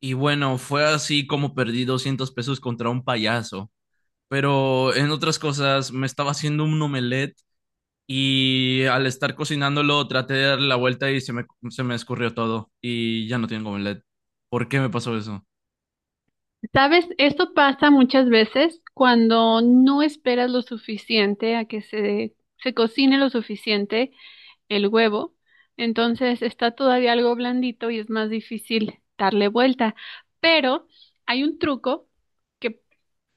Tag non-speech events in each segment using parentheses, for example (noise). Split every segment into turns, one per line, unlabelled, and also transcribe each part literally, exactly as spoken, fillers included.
Y bueno, fue así como perdí doscientos pesos contra un payaso. Pero en otras cosas, me estaba haciendo un omelette y al estar cocinándolo traté de dar la vuelta y se me, se me escurrió todo y ya no tengo omelette. ¿Por qué me pasó eso?
Sabes, esto pasa muchas veces cuando no esperas lo suficiente a que se, se cocine lo suficiente el huevo. Entonces está todavía algo blandito y es más difícil darle vuelta. Pero hay un truco que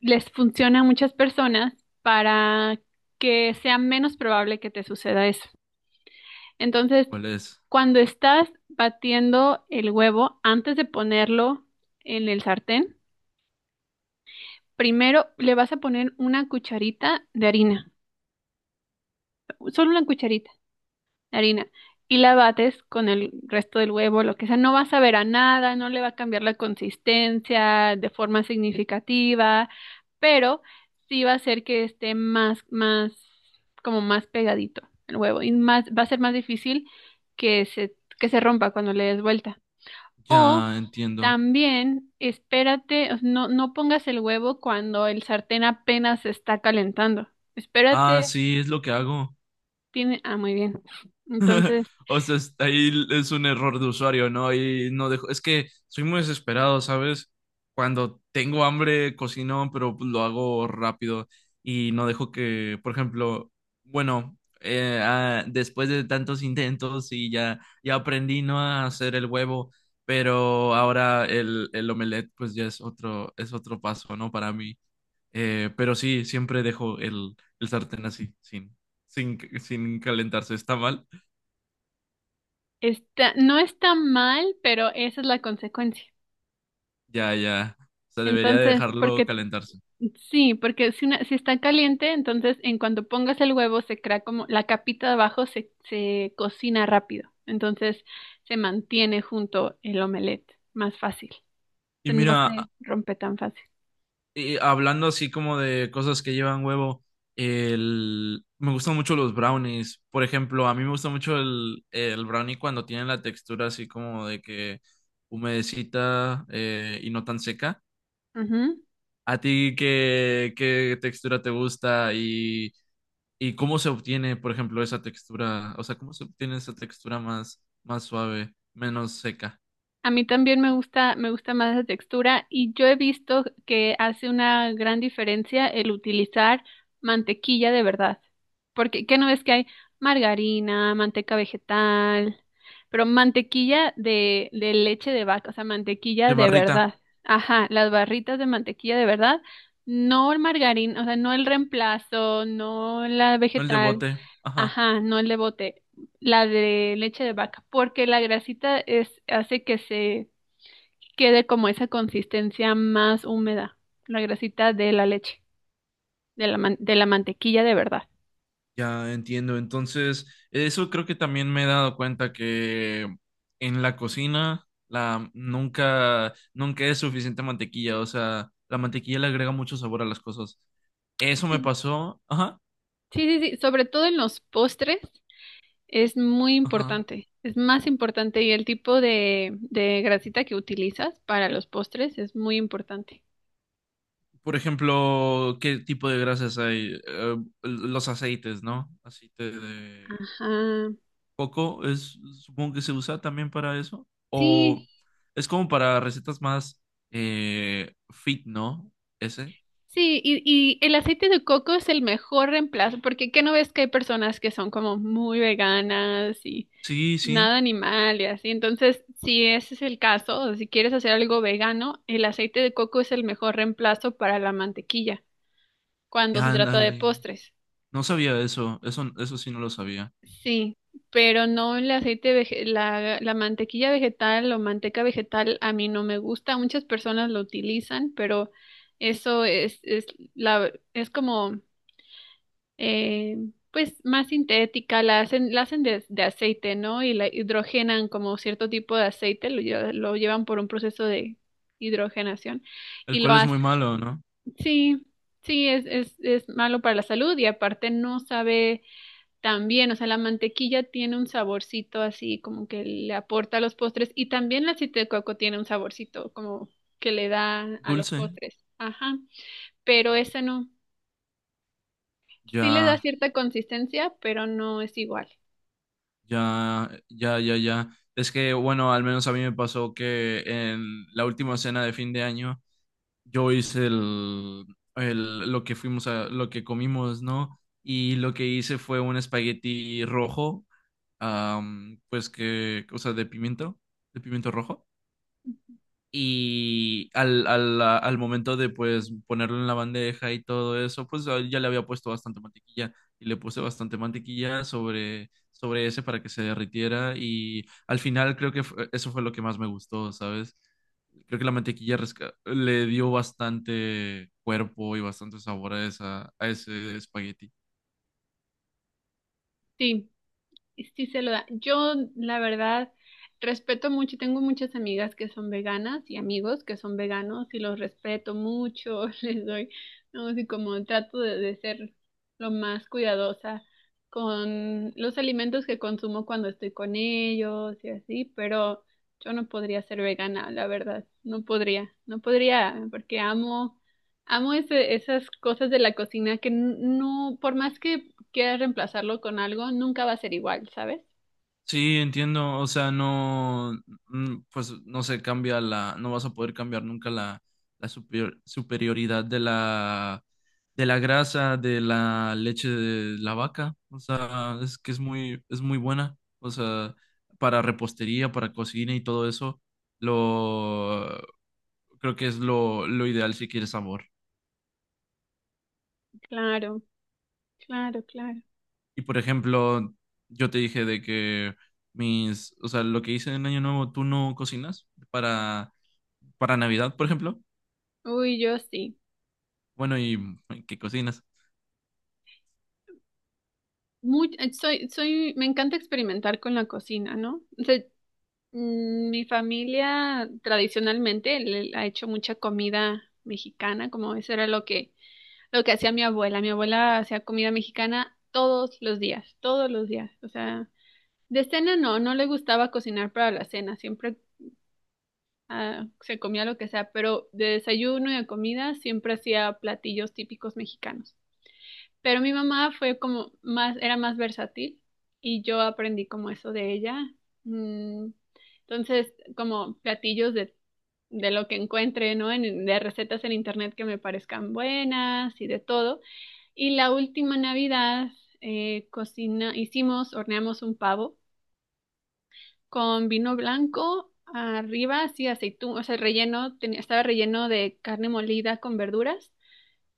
les funciona a muchas personas para que sea menos probable que te suceda eso. Entonces,
¿Cuál es?
cuando estás batiendo el huevo antes de ponerlo en el sartén, primero le vas a poner una cucharita de harina, solo una cucharita de harina, y la bates con el resto del huevo, lo que sea. No va a saber a nada, no le va a cambiar la consistencia de forma significativa, pero sí va a hacer que esté más, más, como más pegadito el huevo y más, va a ser más difícil que se, que se rompa cuando le des vuelta. O
Ya entiendo.
también espérate, o sea, no, no pongas el huevo cuando el sartén apenas se está calentando.
Ah,
Espérate,
sí, es lo que hago.
tiene... Ah, muy bien.
(laughs)
Entonces,
O sea, es- ahí es un error de usuario, ¿no? Y no dejo. Es que soy muy desesperado, ¿sabes? Cuando tengo hambre, cocino, pero pues, lo hago rápido y no dejo que, por ejemplo, bueno, eh, ah, después de tantos intentos y ya, ya aprendí, ¿no? A hacer el huevo, pero ahora el, el omelette, pues ya es otro, es otro paso, ¿no? Para mí. Eh, pero sí, siempre dejo el, el sartén así, sin, sin, sin calentarse. ¿Está mal?
está, no está mal, pero esa es la consecuencia.
Ya, ya. O sea, debería de
Entonces,
dejarlo
porque
calentarse.
sí, porque si, una- si está caliente, entonces en cuanto pongas el huevo se crea como la capita de abajo se, se cocina rápido. Entonces, se mantiene junto el omelette más fácil. O
Y
sea, no
mira, a-
se rompe tan fácil.
y hablando así como de cosas que llevan huevo, el... me gustan mucho los brownies. Por ejemplo, a mí me gusta mucho el, el brownie cuando tienen la textura así como de que humedecita eh, y no tan seca. ¿A ti qué, qué textura te gusta y, y cómo se obtiene, por ejemplo, esa textura? O sea, ¿cómo se obtiene esa textura más, más suave, menos seca?
A mí también me gusta, me gusta más la textura y yo he visto que hace una gran diferencia el utilizar mantequilla de verdad. Porque, ¿qué no ves que hay margarina, manteca vegetal, pero mantequilla de, de leche de vaca, o sea,
De
mantequilla de
barrita,
verdad. Ajá, las barritas de mantequilla de verdad, no el margarina, o sea, no el reemplazo, no la
no el de
vegetal.
bote. Ajá.
Ajá, no el de bote, la de leche de vaca, porque la grasita es, hace que se quede como esa consistencia más húmeda, la grasita de la leche, de la, man- de la mantequilla de verdad.
Ya entiendo. Entonces, eso creo que también me he dado cuenta que en la cocina la nunca nunca es suficiente mantequilla, o sea, la mantequilla le agrega mucho sabor a las cosas. Eso me
Sí,
pasó, ajá,
sí, sí, sí, sobre todo en los postres es muy
ajá.
importante, es más importante y el tipo de, de grasita que utilizas para los postres es muy importante.
Por ejemplo, ¿qué tipo de grasas hay? Eh, los aceites, ¿no? Aceite de
Ajá,
coco es supongo que se usa también para eso o
sí,
es como para recetas más eh, fit, ¿no? Ese.
sí, y, y el aceite de coco es el mejor reemplazo, porque ¿qué no ves que hay personas que son como muy veganas y
Sí, sí.
nada animal y así? Entonces, si ese es el caso, o si quieres hacer algo vegano, el aceite de coco es el mejor reemplazo para la mantequilla cuando se trata de
Ándale.
postres.
No sabía eso. Eso, eso sí no lo sabía.
Sí, pero no el aceite, vege- la, la mantequilla vegetal o manteca vegetal a mí no me gusta. Muchas personas lo utilizan, pero eso es, es, la, es como eh, pues más sintética, la hacen, la hacen de, de aceite, ¿no? Y la hidrogenan como cierto tipo de aceite, lo, lle- lo llevan por un proceso de hidrogenación
¿El
y lo
cual es
hacen.
muy malo, no?
Sí, sí, es, es, es malo para la salud y aparte no sabe tan bien, o sea, la mantequilla tiene un saborcito así como que le aporta a los postres y también el aceite de coco tiene un saborcito como que le da a los
Dulce.
postres. Ajá, pero
Sí.
esa no. Sí le da
Ya,
cierta consistencia, pero no es igual.
ya, ya, ya, ya. Es que, bueno, al menos a mí me pasó que en la última cena de fin de año yo hice el, el, lo que fuimos a, lo que comimos, ¿no? Y lo que hice fue un espagueti rojo, am, pues que, o sea, de pimiento, de pimiento rojo. Y al, al, al momento de pues ponerlo en la bandeja y todo eso, pues ah, ya le había puesto bastante mantequilla y le puse bastante mantequilla sobre, sobre ese para que se derritiera y al final creo que fue- eso fue lo que más me gustó, ¿sabes? Creo que la mantequilla resca- le dio bastante cuerpo y bastante sabor a esa, a ese espagueti.
Sí, sí se lo da. Yo, la verdad, respeto mucho, tengo muchas amigas que son veganas y amigos que son veganos y los respeto mucho, (laughs) les doy, no sé, como trato de, de ser lo más cuidadosa con los alimentos que consumo cuando estoy con ellos y así, pero yo no podría ser vegana, la verdad, no podría, no podría, porque amo, amo ese- esas cosas de la cocina que n- no, por más que quieras reemplazarlo con algo, nunca va a ser igual, ¿sabes?
Sí, entiendo, o sea, no, mm, pues no se cambia la, no vas a poder cambiar nunca la, la superior- superioridad de la, de la grasa, de la leche de la vaca, o sea, es que es muy, es muy buena, o sea, para repostería, para cocina y todo eso, lo, creo que es lo, lo ideal si quieres sabor.
Claro, claro, claro.
Y por ejemplo, yo te dije de que mis, o sea, lo que hice en Año Nuevo, tú no cocinas para, para Navidad, por ejemplo.
Uy, yo sí.
Bueno, ¿y qué cocinas?
Muy, eh, soy, soy, me encanta experimentar con la cocina, ¿no? O sea, mm, mi familia tradicionalmente le ha hecho mucha comida mexicana, como eso era lo que, lo que hacía mi abuela. Mi abuela hacía comida mexicana todos los días, todos los días. O sea, de cena no, no le gustaba cocinar para la cena, siempre ah, se comía lo que sea, pero de desayuno y de comida siempre hacía platillos típicos mexicanos. Pero mi mamá fue como más, era más versátil y yo aprendí como eso de ella. Mm, Entonces, como platillos de, de lo que encuentre, ¿no? En- de recetas en internet que me parezcan buenas y de todo. Y la última Navidad eh, cocina, hicimos, horneamos un pavo con vino blanco, arriba así aceitún, o sea, relleno, tenía, estaba relleno de carne molida con verduras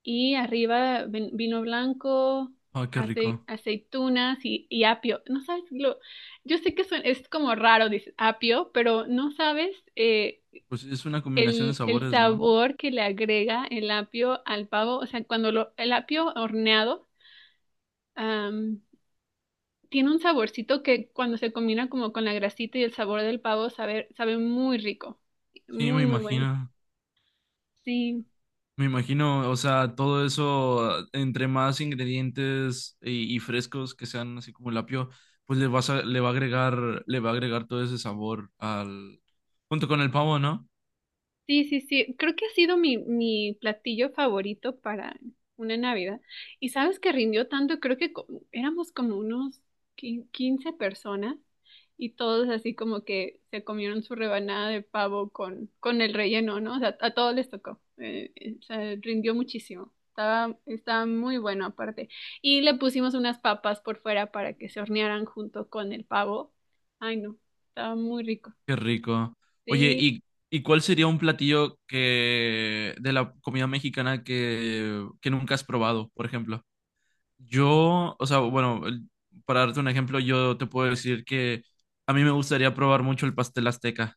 y arriba ven- vino blanco,
Ah, qué
acei-
rico.
aceitunas y, y apio. No sabes, lo, yo sé que suen- es como raro, dices apio, pero no sabes eh,
Pues es una combinación de
el, el
sabores, ¿no?
sabor que le agrega el apio al pavo, o sea, cuando lo, el apio horneado tiene un saborcito que cuando se combina como con la grasita y el sabor del pavo sabe, sabe muy rico,
Sí,
muy,
me
muy bueno.
imagino.
Sí.
Me imagino, o sea, todo eso, entre más ingredientes y, y frescos que sean así como el apio, pues le vas a, le va a agregar, le va a agregar todo ese sabor al, junto con el pavo, ¿no?
Sí, sí, sí. Creo que ha sido mi, mi platillo favorito para una Navidad. Y sabes que rindió tanto, creo que co- éramos como unos qui- quince personas y todos así como que se comieron su rebanada de pavo con, con el relleno, ¿no? O sea, a todos les tocó. Eh, eh, o sea, rindió muchísimo. Estaba, estaba muy bueno aparte. Y le pusimos unas papas por fuera para que se hornearan junto con el pavo. Ay, no, estaba muy rico.
Qué rico. Oye,
Sí.
¿y, ¿y cuál sería un platillo que de la comida mexicana que, que nunca has probado, por ejemplo? Yo, o sea, bueno, el- para darte un ejemplo, yo te puedo decir que a mí me gustaría probar mucho el pastel azteca.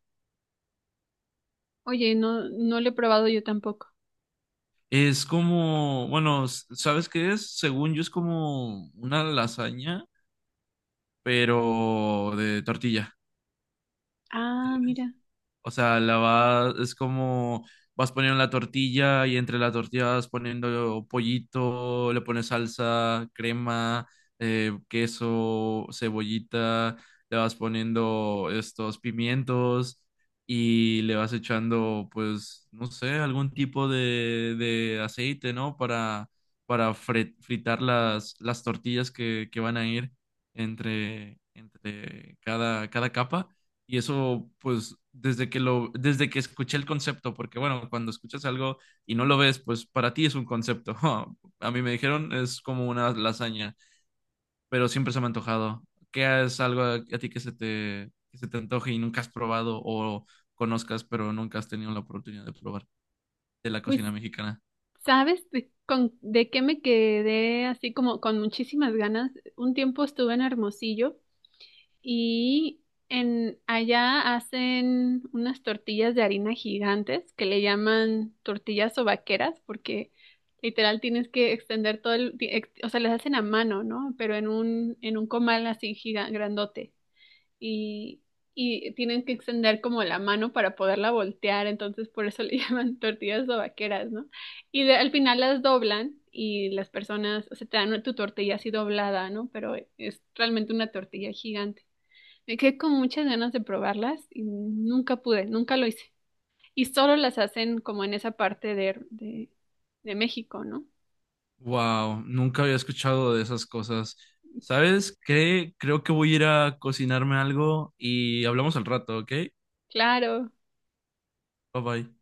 Oye, no, no lo he probado yo tampoco.
Es como, bueno, s- ¿sabes qué es? Según yo es como una lasaña, pero de tortilla.
Ah, mira.
O sea, la vas, es como vas poniendo la tortilla y entre la tortilla vas poniendo pollito, le pones salsa, crema, eh, queso, cebollita, le vas poniendo estos pimientos y le vas echando, pues, no sé, algún tipo de, de aceite, ¿no? Para, para fre- fritar las, las tortillas que, que van a ir entre, entre cada, cada capa. Y eso, pues, desde que lo, desde que escuché el concepto, porque bueno, cuando escuchas algo y no lo ves, pues para ti es un concepto. (laughs) A mí me dijeron es como una lasaña, pero siempre se me ha antojado. ¿Qué es algo a, a ti que se te, que se te antoje y nunca has probado o conozcas, pero nunca has tenido la oportunidad de probar de la cocina
Pues,
mexicana?
¿sabes de, con, de qué me quedé así como con muchísimas ganas? Un tiempo estuve en Hermosillo y en allá hacen unas tortillas de harina gigantes que le llaman tortillas o vaqueras porque literal tienes que extender todo el, ti- ex- o sea, las hacen a mano, ¿no? Pero en un, en un comal así giga- grandote. Y, y tienen que extender como la mano para poderla voltear, entonces por eso le (laughs) llaman tortillas vaqueras, ¿no? Y de- al final las doblan y las personas, o sea, te dan tu tortilla así doblada, ¿no? Pero es realmente una tortilla gigante. Me quedé con muchas ganas de probarlas y nunca pude, nunca lo hice. Y solo las hacen como en esa parte de, de, de México, ¿no?
Wow, nunca había escuchado de esas cosas. ¿Sabes qué? Creo que voy a ir a cocinarme algo y hablamos al rato, ¿ok?
Claro.
Bye bye.